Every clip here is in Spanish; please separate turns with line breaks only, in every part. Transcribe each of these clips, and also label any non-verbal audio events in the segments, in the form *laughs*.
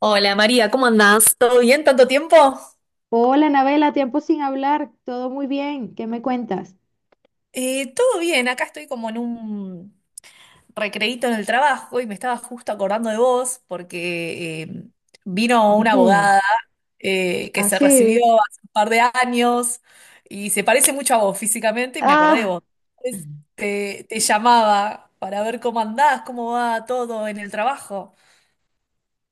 Hola María, ¿cómo andás? ¿Todo bien? ¿Tanto tiempo?
Hola, Anabela, tiempo sin hablar, todo muy bien, ¿qué me cuentas?
Todo bien, acá estoy como en un recreíto en el trabajo y me estaba justo acordando de vos porque vino una
Ujú.
abogada que se recibió
Así.
hace un par de años y se parece mucho a vos físicamente y me acordé de
Ah.
vos. Entonces, te llamaba para ver cómo andás, cómo va todo en el trabajo.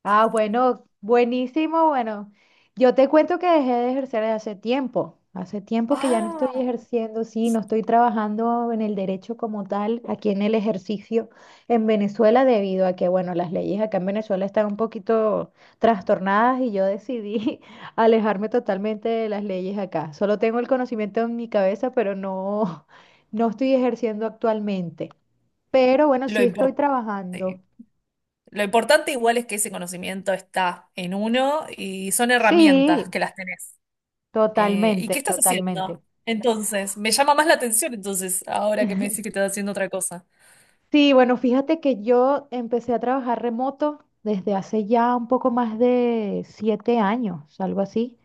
Ah, bueno, buenísimo, bueno. Yo te cuento que dejé de ejercer hace tiempo que ya no estoy
Ah,
ejerciendo, sí, no estoy trabajando en el derecho como tal, aquí en el ejercicio en Venezuela, debido a que, bueno, las leyes acá en Venezuela están un poquito trastornadas y yo decidí *laughs* alejarme totalmente de las leyes acá. Solo tengo el conocimiento en mi cabeza, pero no, *laughs* no estoy ejerciendo actualmente. Pero bueno,
lo
sí estoy
importante.
trabajando.
Lo importante igual es que ese conocimiento está en uno y son herramientas
Sí.
que las tenés. ¿Y qué
Totalmente,
estás
totalmente.
haciendo? Entonces, me llama más la atención entonces, ahora que me decís que
*laughs*
estás haciendo otra cosa.
Sí, bueno, fíjate que yo empecé a trabajar remoto desde hace ya un poco más de 7 años, algo así.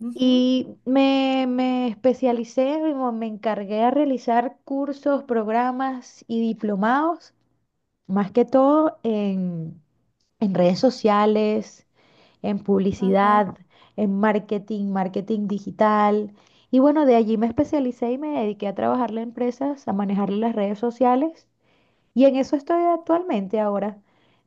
Ujú,
Y me especialicé, me encargué a realizar cursos, programas y diplomados, más que todo en redes sociales, en
ajá.
publicidad, en marketing, marketing digital. Y bueno, de allí me especialicé y me dediqué a trabajarle a empresas, a manejarle las redes sociales. Y en eso estoy actualmente ahora.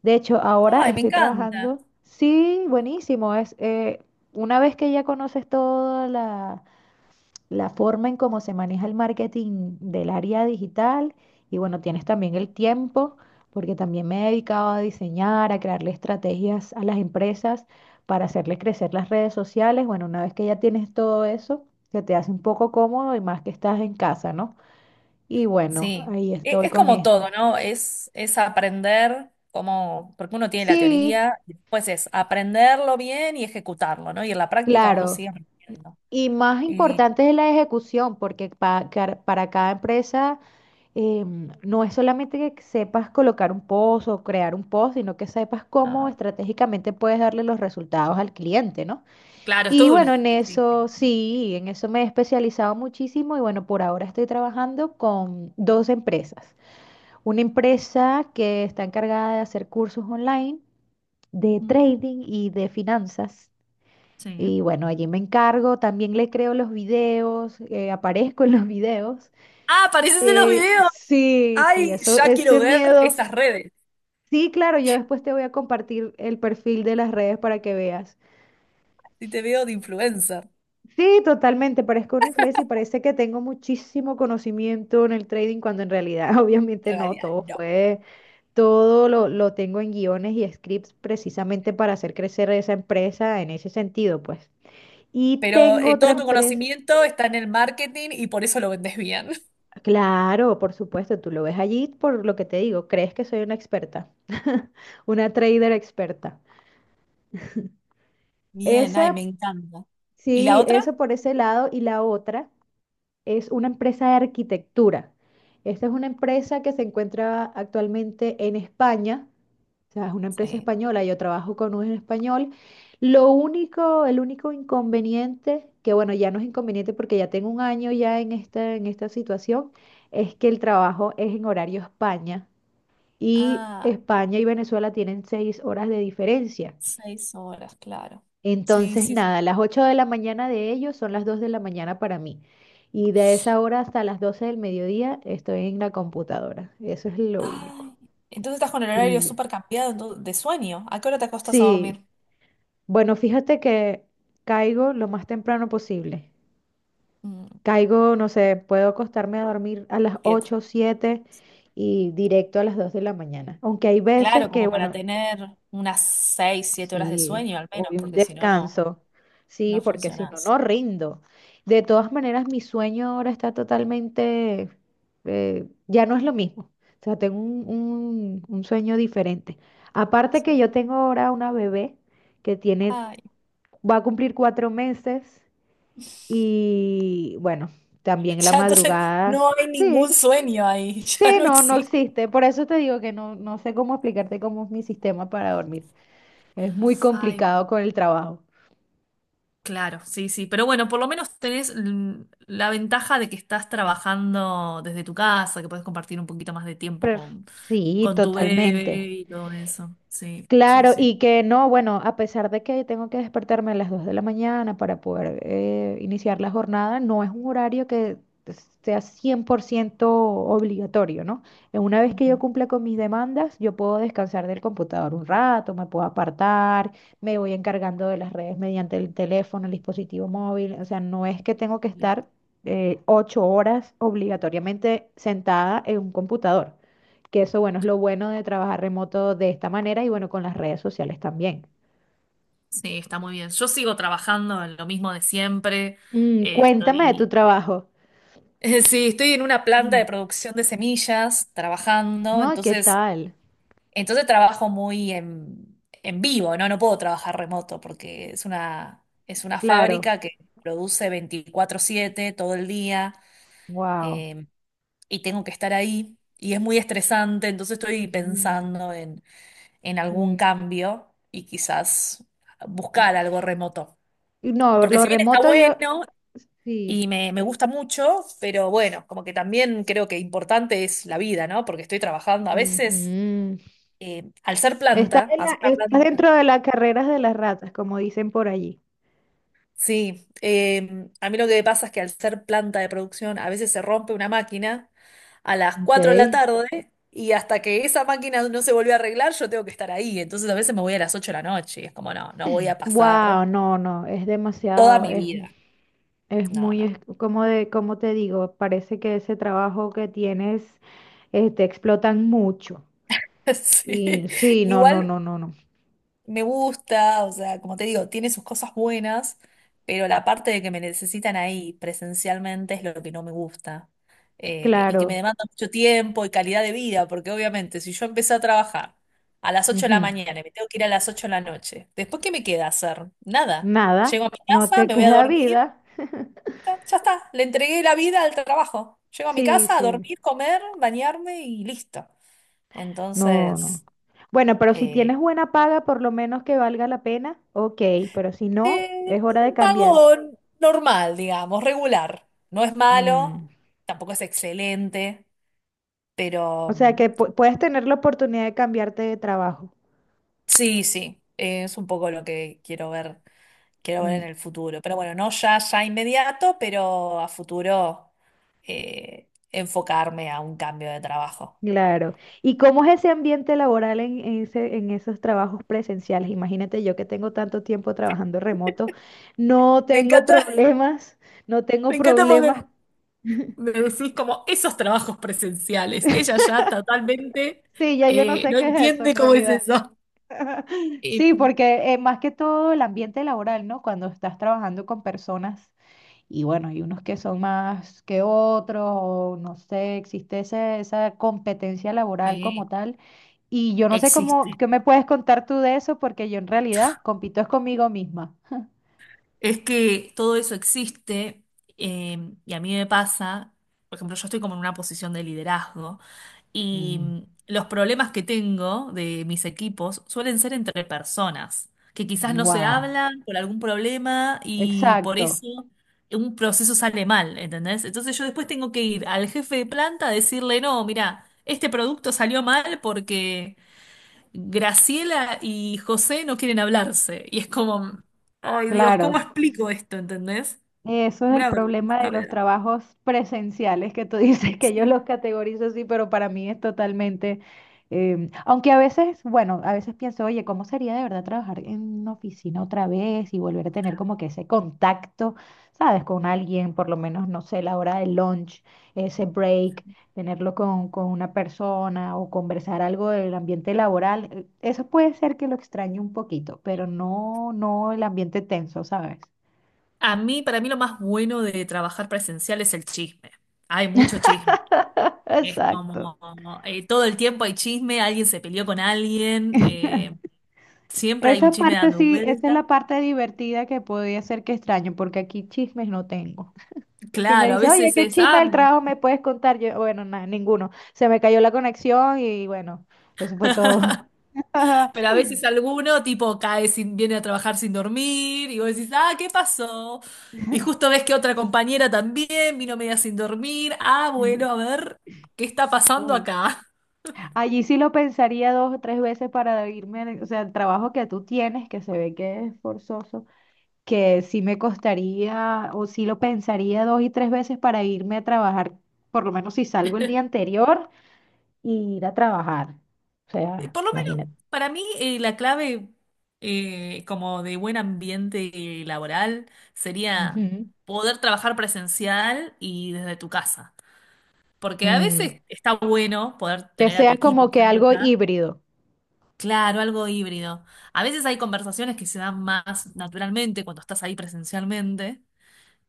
De hecho, ahora
Ay, me
estoy
encanta.
trabajando. Sí, buenísimo. Una vez que ya conoces toda la forma en cómo se maneja el marketing del área digital, y bueno, tienes también el tiempo, porque también me he dedicado a diseñar, a crearle estrategias a las empresas para hacerles crecer las redes sociales. Bueno, una vez que ya tienes todo eso, se te hace un poco cómodo y más que estás en casa, ¿no? Y bueno,
Sí.
ahí
E-
estoy
Es,
con
como
esto.
todo, ¿no? Es aprender como, porque uno tiene la
Sí,
teoría, y después es aprenderlo bien y ejecutarlo, ¿no? Y en la práctica uno
claro.
sigue aprendiendo.
Y más
Y,
importante es la ejecución, porque para cada empresa no es solamente que sepas colocar un post o crear un post, sino que sepas cómo
ah,
estratégicamente puedes darle los resultados al cliente, ¿no?
claro, es
Y
todo
bueno,
una...
en
Sí.
eso sí, en eso me he especializado muchísimo y bueno, por ahora estoy trabajando con dos empresas. Una empresa que está encargada de hacer cursos online de
Ujú,
trading y de finanzas.
sí.
Y bueno, allí me encargo, también le creo los videos, aparezco en los *laughs* videos.
Ah, apareces en los
Eh,
videos.
sí, sí,
Ay,
eso,
ya quiero
ese
ver
miedo.
esas redes.
Sí, claro, yo después te voy a compartir el perfil de las redes para que veas.
Si te veo de influencer.
Sí, totalmente, parezco una influencer y parece que tengo muchísimo conocimiento en el trading cuando en realidad *laughs* obviamente
En
no,
realidad, no.
todo lo tengo en guiones y scripts precisamente para hacer crecer esa empresa en ese sentido, pues. Y
Pero
tengo otra
todo tu
empresa,
conocimiento está en el marketing y por eso lo vendes bien. *laughs*
claro, por supuesto, tú lo ves allí por lo que te digo, crees que soy una experta, *laughs* una trader experta.
Bien, ay, me
Esa,
encanta. ¿Y la
sí,
otra?
eso por ese lado. Y la otra es una empresa de arquitectura. Esta es una empresa que se encuentra actualmente en España. O sea, es una empresa
Sí.
española. Yo trabajo con un español. Lo único, el único inconveniente, que bueno, ya no es inconveniente porque ya tengo un año ya en esta situación, es que el trabajo es en horario España. Y
Ah,
España y Venezuela tienen 6 horas de diferencia.
6 horas, claro. Sí,
Entonces,
sí, sí.
nada, las 8 de la mañana de ellos son las 2 de la mañana para mí. Y de esa hora hasta las 12 del mediodía estoy en la computadora. Eso es lo único.
Ay, entonces estás con el horario
Sí.
súper cambiado de sueño. ¿A qué hora te acostas a
Sí.
dormir?
Bueno, fíjate que caigo lo más temprano posible.
Mm,
Caigo, no sé, puedo acostarme a dormir a las
7.
8 7 y directo a las 2 de la mañana. Aunque hay veces
Claro,
que,
como para
bueno,
tener unas 6, 7 horas de
sí,
sueño al menos,
hoy un
porque si no, no.
descanso. Sí,
No
porque si
funciona.
no, no rindo. De todas maneras, mi sueño ahora está totalmente, ya no es lo mismo. O sea, tengo un sueño diferente. Aparte
Sí.
que yo tengo ahora una bebé que tiene,
Ay,
va a cumplir 4 meses y bueno, también
*laughs*
la
ya entonces
madrugada.
no hay ningún
Sí,
sueño ahí, *laughs* ya
sí,
no
no, no
existe.
existe. Por eso te digo que no, no sé cómo explicarte cómo es mi sistema para dormir. Es muy
Ay,
complicado con el trabajo.
claro, sí, sí. Pero bueno, por lo menos tenés la ventaja de que estás trabajando desde tu casa, que puedes compartir un poquito más de tiempo
Pref- Sí,
con tu bebé
totalmente.
y todo eso. Sí, sí,
Claro,
sí.
y que no, bueno, a pesar de que tengo que despertarme a las 2 de la mañana para poder iniciar la jornada, no es un horario que sea 100% obligatorio, ¿no? Una vez que yo
Ujú.
cumpla con mis demandas, yo puedo descansar del computador un rato, me puedo apartar, me voy encargando de las redes mediante el teléfono, el dispositivo móvil, o sea, no es que tengo que estar
Listo.
8 horas obligatoriamente sentada en un computador. Que eso, bueno, es lo bueno de trabajar remoto de esta manera y bueno, con las redes sociales también.
Sí, está muy bien. Yo sigo trabajando en lo mismo de siempre. Eh,
Cuéntame de tu
estoy,
trabajo.
*laughs* sí, estoy en una planta
Mm,
de producción de semillas trabajando,
no, ¿qué
entonces
tal?
entonces trabajo muy en vivo, ¿no? No puedo trabajar remoto porque es una
Claro.
fábrica que produce 24/7 todo el día
Wow.
eh, y tengo que estar ahí y es muy estresante, entonces estoy
Ujú,
pensando en algún
mm.
cambio y quizás buscar algo remoto.
No,
Porque
lo
si bien está
remoto yo,
bueno y
sí.
me gusta mucho, pero bueno, como que también creo que importante es la vida, ¿no? Porque estoy trabajando a veces,
Ujú. Estás en
al
la-
ser una
estás
planta.
dentro de las carreras de las ratas, como dicen por allí.
Sí, a mí lo que me pasa es que al ser planta de producción a veces se rompe una máquina a las
Ok.
4 de la tarde y hasta que esa máquina no se volvió a arreglar yo tengo que estar ahí. Entonces a veces me voy a las 8 de la noche y es como, no, no voy a pasar
Wow, no, no, es
toda
demasiado,
mi
es
vida.
Es
No,
muy,
no.
es como de, como te digo, parece que ese trabajo que tienes, te explotan mucho.
*laughs*
Y
Sí.
sí, no, no, no,
Igual,
no, no.
me gusta, o sea, como te digo, tiene sus cosas buenas, pero la parte de que me necesitan ahí presencialmente es lo que no me gusta. Y que me
Claro.
demanda mucho tiempo y calidad de vida, porque obviamente si yo empecé a trabajar a las 8 de la
Ujú.
mañana y me tengo que ir a las 8 de la noche, ¿después qué me queda hacer? Nada.
Nada,
Llego a mi
no
casa,
te *laughs*
me voy a
queda
dormir,
vida.
ya, ya está, le entregué la vida al trabajo. Llego a mi
Sí,
casa a
sí.
dormir, comer, bañarme y listo.
No, no.
Entonces.
Bueno, pero si
eh,
tienes buena paga, por lo menos que valga la pena, ok, pero si no, es hora de
Un
cambiar.
pago normal, digamos, regular. No es malo,
Mm.
tampoco es excelente, pero
O sea
mm,
que puedes tener la oportunidad de cambiarte de trabajo.
sí, sí, es un poco lo que quiero ver en
Mm.
el futuro. Pero bueno, no ya, ya inmediato, pero a futuro enfocarme a un cambio de trabajo.
Claro. ¿Y cómo es ese ambiente laboral en esos trabajos presenciales? Imagínate yo que tengo tanto tiempo trabajando remoto, no
Me
tengo
encanta,
problemas, no
*laughs*
tengo
me encanta porque
problemas.
me decís como esos trabajos presenciales. Ella ya totalmente
Sí, ya yo no sé
no
qué es eso
entiende
en
cómo es
realidad.
eso.
*laughs*
Y,
Sí, porque más que todo el ambiente laboral, ¿no? Cuando estás trabajando con personas y bueno, hay unos que son más que otros, o no sé, existe esa competencia laboral como
sí,
tal. Y yo no sé cómo,
existe.
qué me puedes contar tú de eso, porque yo en realidad compito es conmigo misma.
Es que todo eso existe y a mí me pasa, por ejemplo, yo estoy como en una posición de liderazgo y
Mm,
los problemas que tengo de mis equipos suelen ser entre personas, que quizás no se
wow.
hablan por algún problema y por
Exacto,
eso un proceso sale mal, ¿entendés? Entonces yo después tengo que ir al jefe de planta a decirle, no, mira, este producto salió mal porque Graciela y José no quieren hablarse. Y es como, ay, Dios, ¿cómo
claro.
explico esto? ¿Entendés?
Eso es el
Una
problema
vergüenza,
de los
¿verdad?
trabajos presenciales, que tú *laughs* dices que yo los
Sí,
categorizo así, pero para mí es totalmente, aunque a veces, bueno, a veces pienso, oye, ¿cómo sería de verdad trabajar en una oficina otra vez y volver a tener
otra
como
vez.
que ese contacto, sabes, con alguien, por lo menos, no sé, la hora del lunch, ese break, tenerlo con una persona o conversar algo del ambiente laboral? Eso puede ser que lo extrañe un poquito, pero no, no el ambiente tenso, ¿sabes?
A mí, para mí lo más bueno de trabajar presencial es el chisme. Hay mucho chisme.
*laughs*
Es
Exacto.
como, todo el tiempo hay chisme, alguien se peleó con alguien, siempre hay un
Esa
chisme
parte
dando
sí, esa es la
vuelta.
parte divertida que podría ser que extraño, porque aquí chismes no tengo. Si me
Claro, a
dices, oye,
veces
¿qué chisme del trabajo me puedes contar? Yo, bueno, nada, ninguno. Se me cayó la conexión y bueno, eso fue todo.
pero a
*laughs*
veces alguno tipo cae sin, viene a trabajar sin dormir y vos decís, ah, ¿qué pasó? Y justo ves que otra compañera también vino media sin dormir. Ah, bueno, a ver, ¿qué está pasando
Uy.
acá?
Allí sí lo pensaría 2 o 3 veces para irme, o sea, el trabajo que tú tienes, que se ve que es forzoso, que sí me costaría o sí lo pensaría 2 y 3 veces para irme a trabajar, por lo menos si salgo el día anterior, y ir a trabajar. O sea,
Por lo menos
imagínate.
para mí la clave como de buen ambiente laboral sería
Ujú.
poder trabajar presencial y desde tu casa. Porque a
Mm,
veces está bueno poder
Que
tener a tu
sea
equipo
como que algo
cerca.
híbrido.
Claro, algo híbrido. A veces hay conversaciones que se dan más naturalmente cuando estás ahí presencialmente,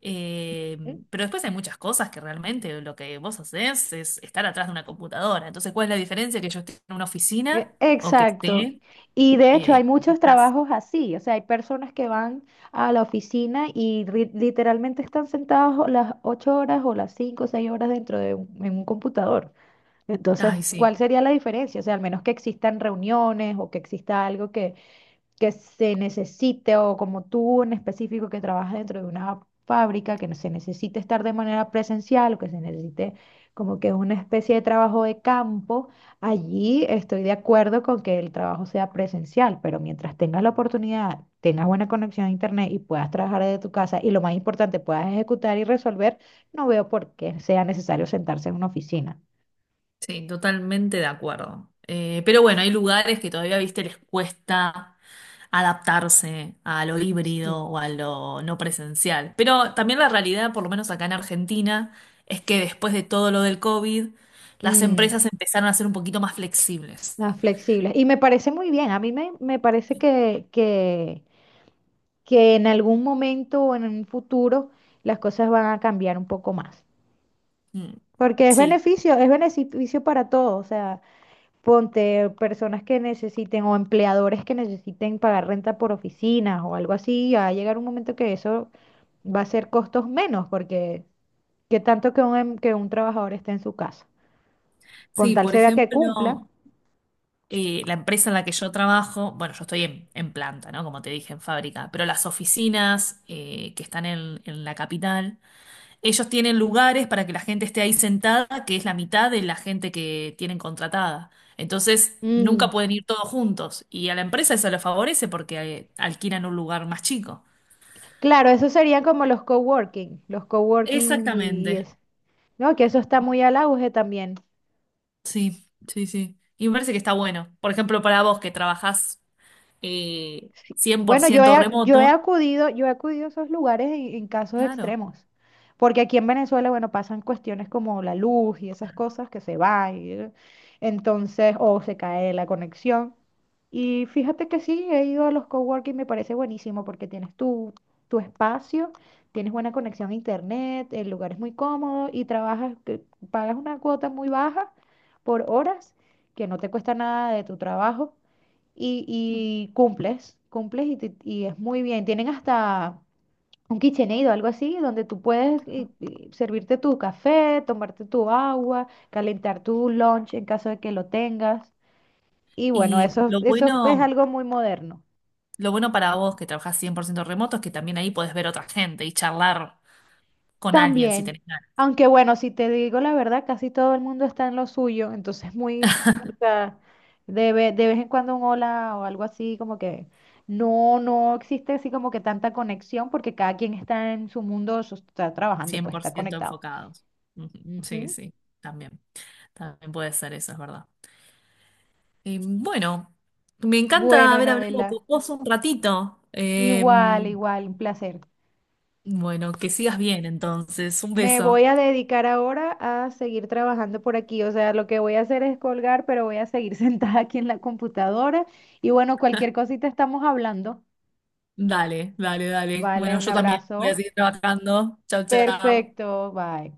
eh,
¿Mm?
pero después hay muchas cosas que realmente lo que vos hacés es estar atrás de una computadora. Entonces, ¿cuál es la diferencia que yo esté en una oficina o que esté
Exacto. Y de hecho hay
en
muchos
casa?
trabajos así, o sea, hay personas que van a la oficina y literalmente están sentados o las 8 horas o las 5 o 6 horas dentro de en un computador. Entonces,
Ay,
¿cuál
sí,
sería la diferencia? O sea, al menos que existan reuniones o que exista algo que se necesite o como tú en específico que trabajas dentro de una fábrica, que no se necesite estar de manera presencial o que se necesite como que una especie de trabajo de campo, allí estoy de acuerdo con que el trabajo sea presencial, pero mientras tengas la oportunidad, tengas buena conexión a internet y puedas trabajar desde tu casa y lo más importante, puedas ejecutar y resolver, no veo por qué sea necesario sentarse en una oficina.
sí, totalmente de acuerdo. Pero bueno, hay lugares que todavía, viste, les cuesta adaptarse a lo híbrido
Sí.
o a lo no presencial. Pero también la realidad, por lo menos acá en Argentina, es que después de todo lo del COVID, las
Mm,
empresas empezaron a ser un poquito más flexibles.
las flexibles. Y me parece muy bien. A mí me parece que en algún momento o en un futuro las cosas van a cambiar un poco más.
Mm,
Porque
sí,
es beneficio para todos. O sea, ponte personas que necesiten o empleadores que necesiten pagar renta por oficinas o algo así. Va a llegar un momento que eso va a ser costos menos, porque qué tanto que un trabajador esté en su casa. Con
sí,
tal
por
se vea que
ejemplo,
cumpla.
la empresa en la que yo trabajo, bueno, yo estoy en planta, ¿no? Como te dije, en fábrica, pero las oficinas que están en la capital, ellos tienen lugares para que la gente esté ahí sentada, que es la mitad de la gente que tienen contratada. Entonces,
Mm.
nunca pueden ir todos juntos. Y a la empresa eso lo favorece porque alquilan un lugar más chico.
Claro, eso serían como los coworking y
Exactamente.
eso. No, que eso está muy al auge también.
Sí, sí, sí. Y me parece que está bueno. Por ejemplo, para vos que trabajás
Sí.
cien por
Bueno, yo
ciento
he, yo he
remoto.
acudido, yo he acudido a esos lugares en casos
Claro.
extremos, porque aquí en Venezuela, bueno, pasan cuestiones como la luz y esas cosas que se va entonces, o se cae la conexión. Y fíjate que sí, he ido a los coworking, me parece buenísimo porque tienes tu espacio, tienes buena conexión a internet, el lugar es muy cómodo y trabajas, pagas una cuota muy baja por horas, que no te cuesta nada de tu trabajo y cumples y es muy bien. Tienen hasta un KitchenAid o algo así, donde tú puedes servirte tu café, tomarte tu agua, calentar tu lunch en caso de que lo tengas. Y bueno,
Y
eso, eso es algo muy moderno.
lo bueno para vos que trabajás 100% remoto es que también ahí podés ver otra gente y charlar con alguien si
También,
tenés ganas.
aunque bueno, si te digo la verdad, casi todo el mundo está en lo suyo, entonces o sea, de vez en cuando un hola o algo así, como que no existe así como que tanta conexión porque cada quien está en su mundo, está trabajando,
cien
pues
por
está
ciento
conectado.
enfocados. Ujú. Sí,
Ujú.
sí, también. También puede ser eso, es verdad. Bueno, me encanta
Bueno,
haber hablado con
Anabela,
vos un ratito.
igual, igual, un placer.
Bueno, que sigas bien entonces. Un
Me voy
beso.
a dedicar ahora a seguir trabajando por aquí. O sea, lo que voy a hacer es colgar, pero voy a seguir *laughs* sentada aquí en la computadora. Y bueno, cualquier cosita estamos hablando.
Dale, dale, dale.
Vale,
Bueno,
un
yo también voy a
abrazo.
seguir trabajando. Chau, chau.
Perfecto, bye.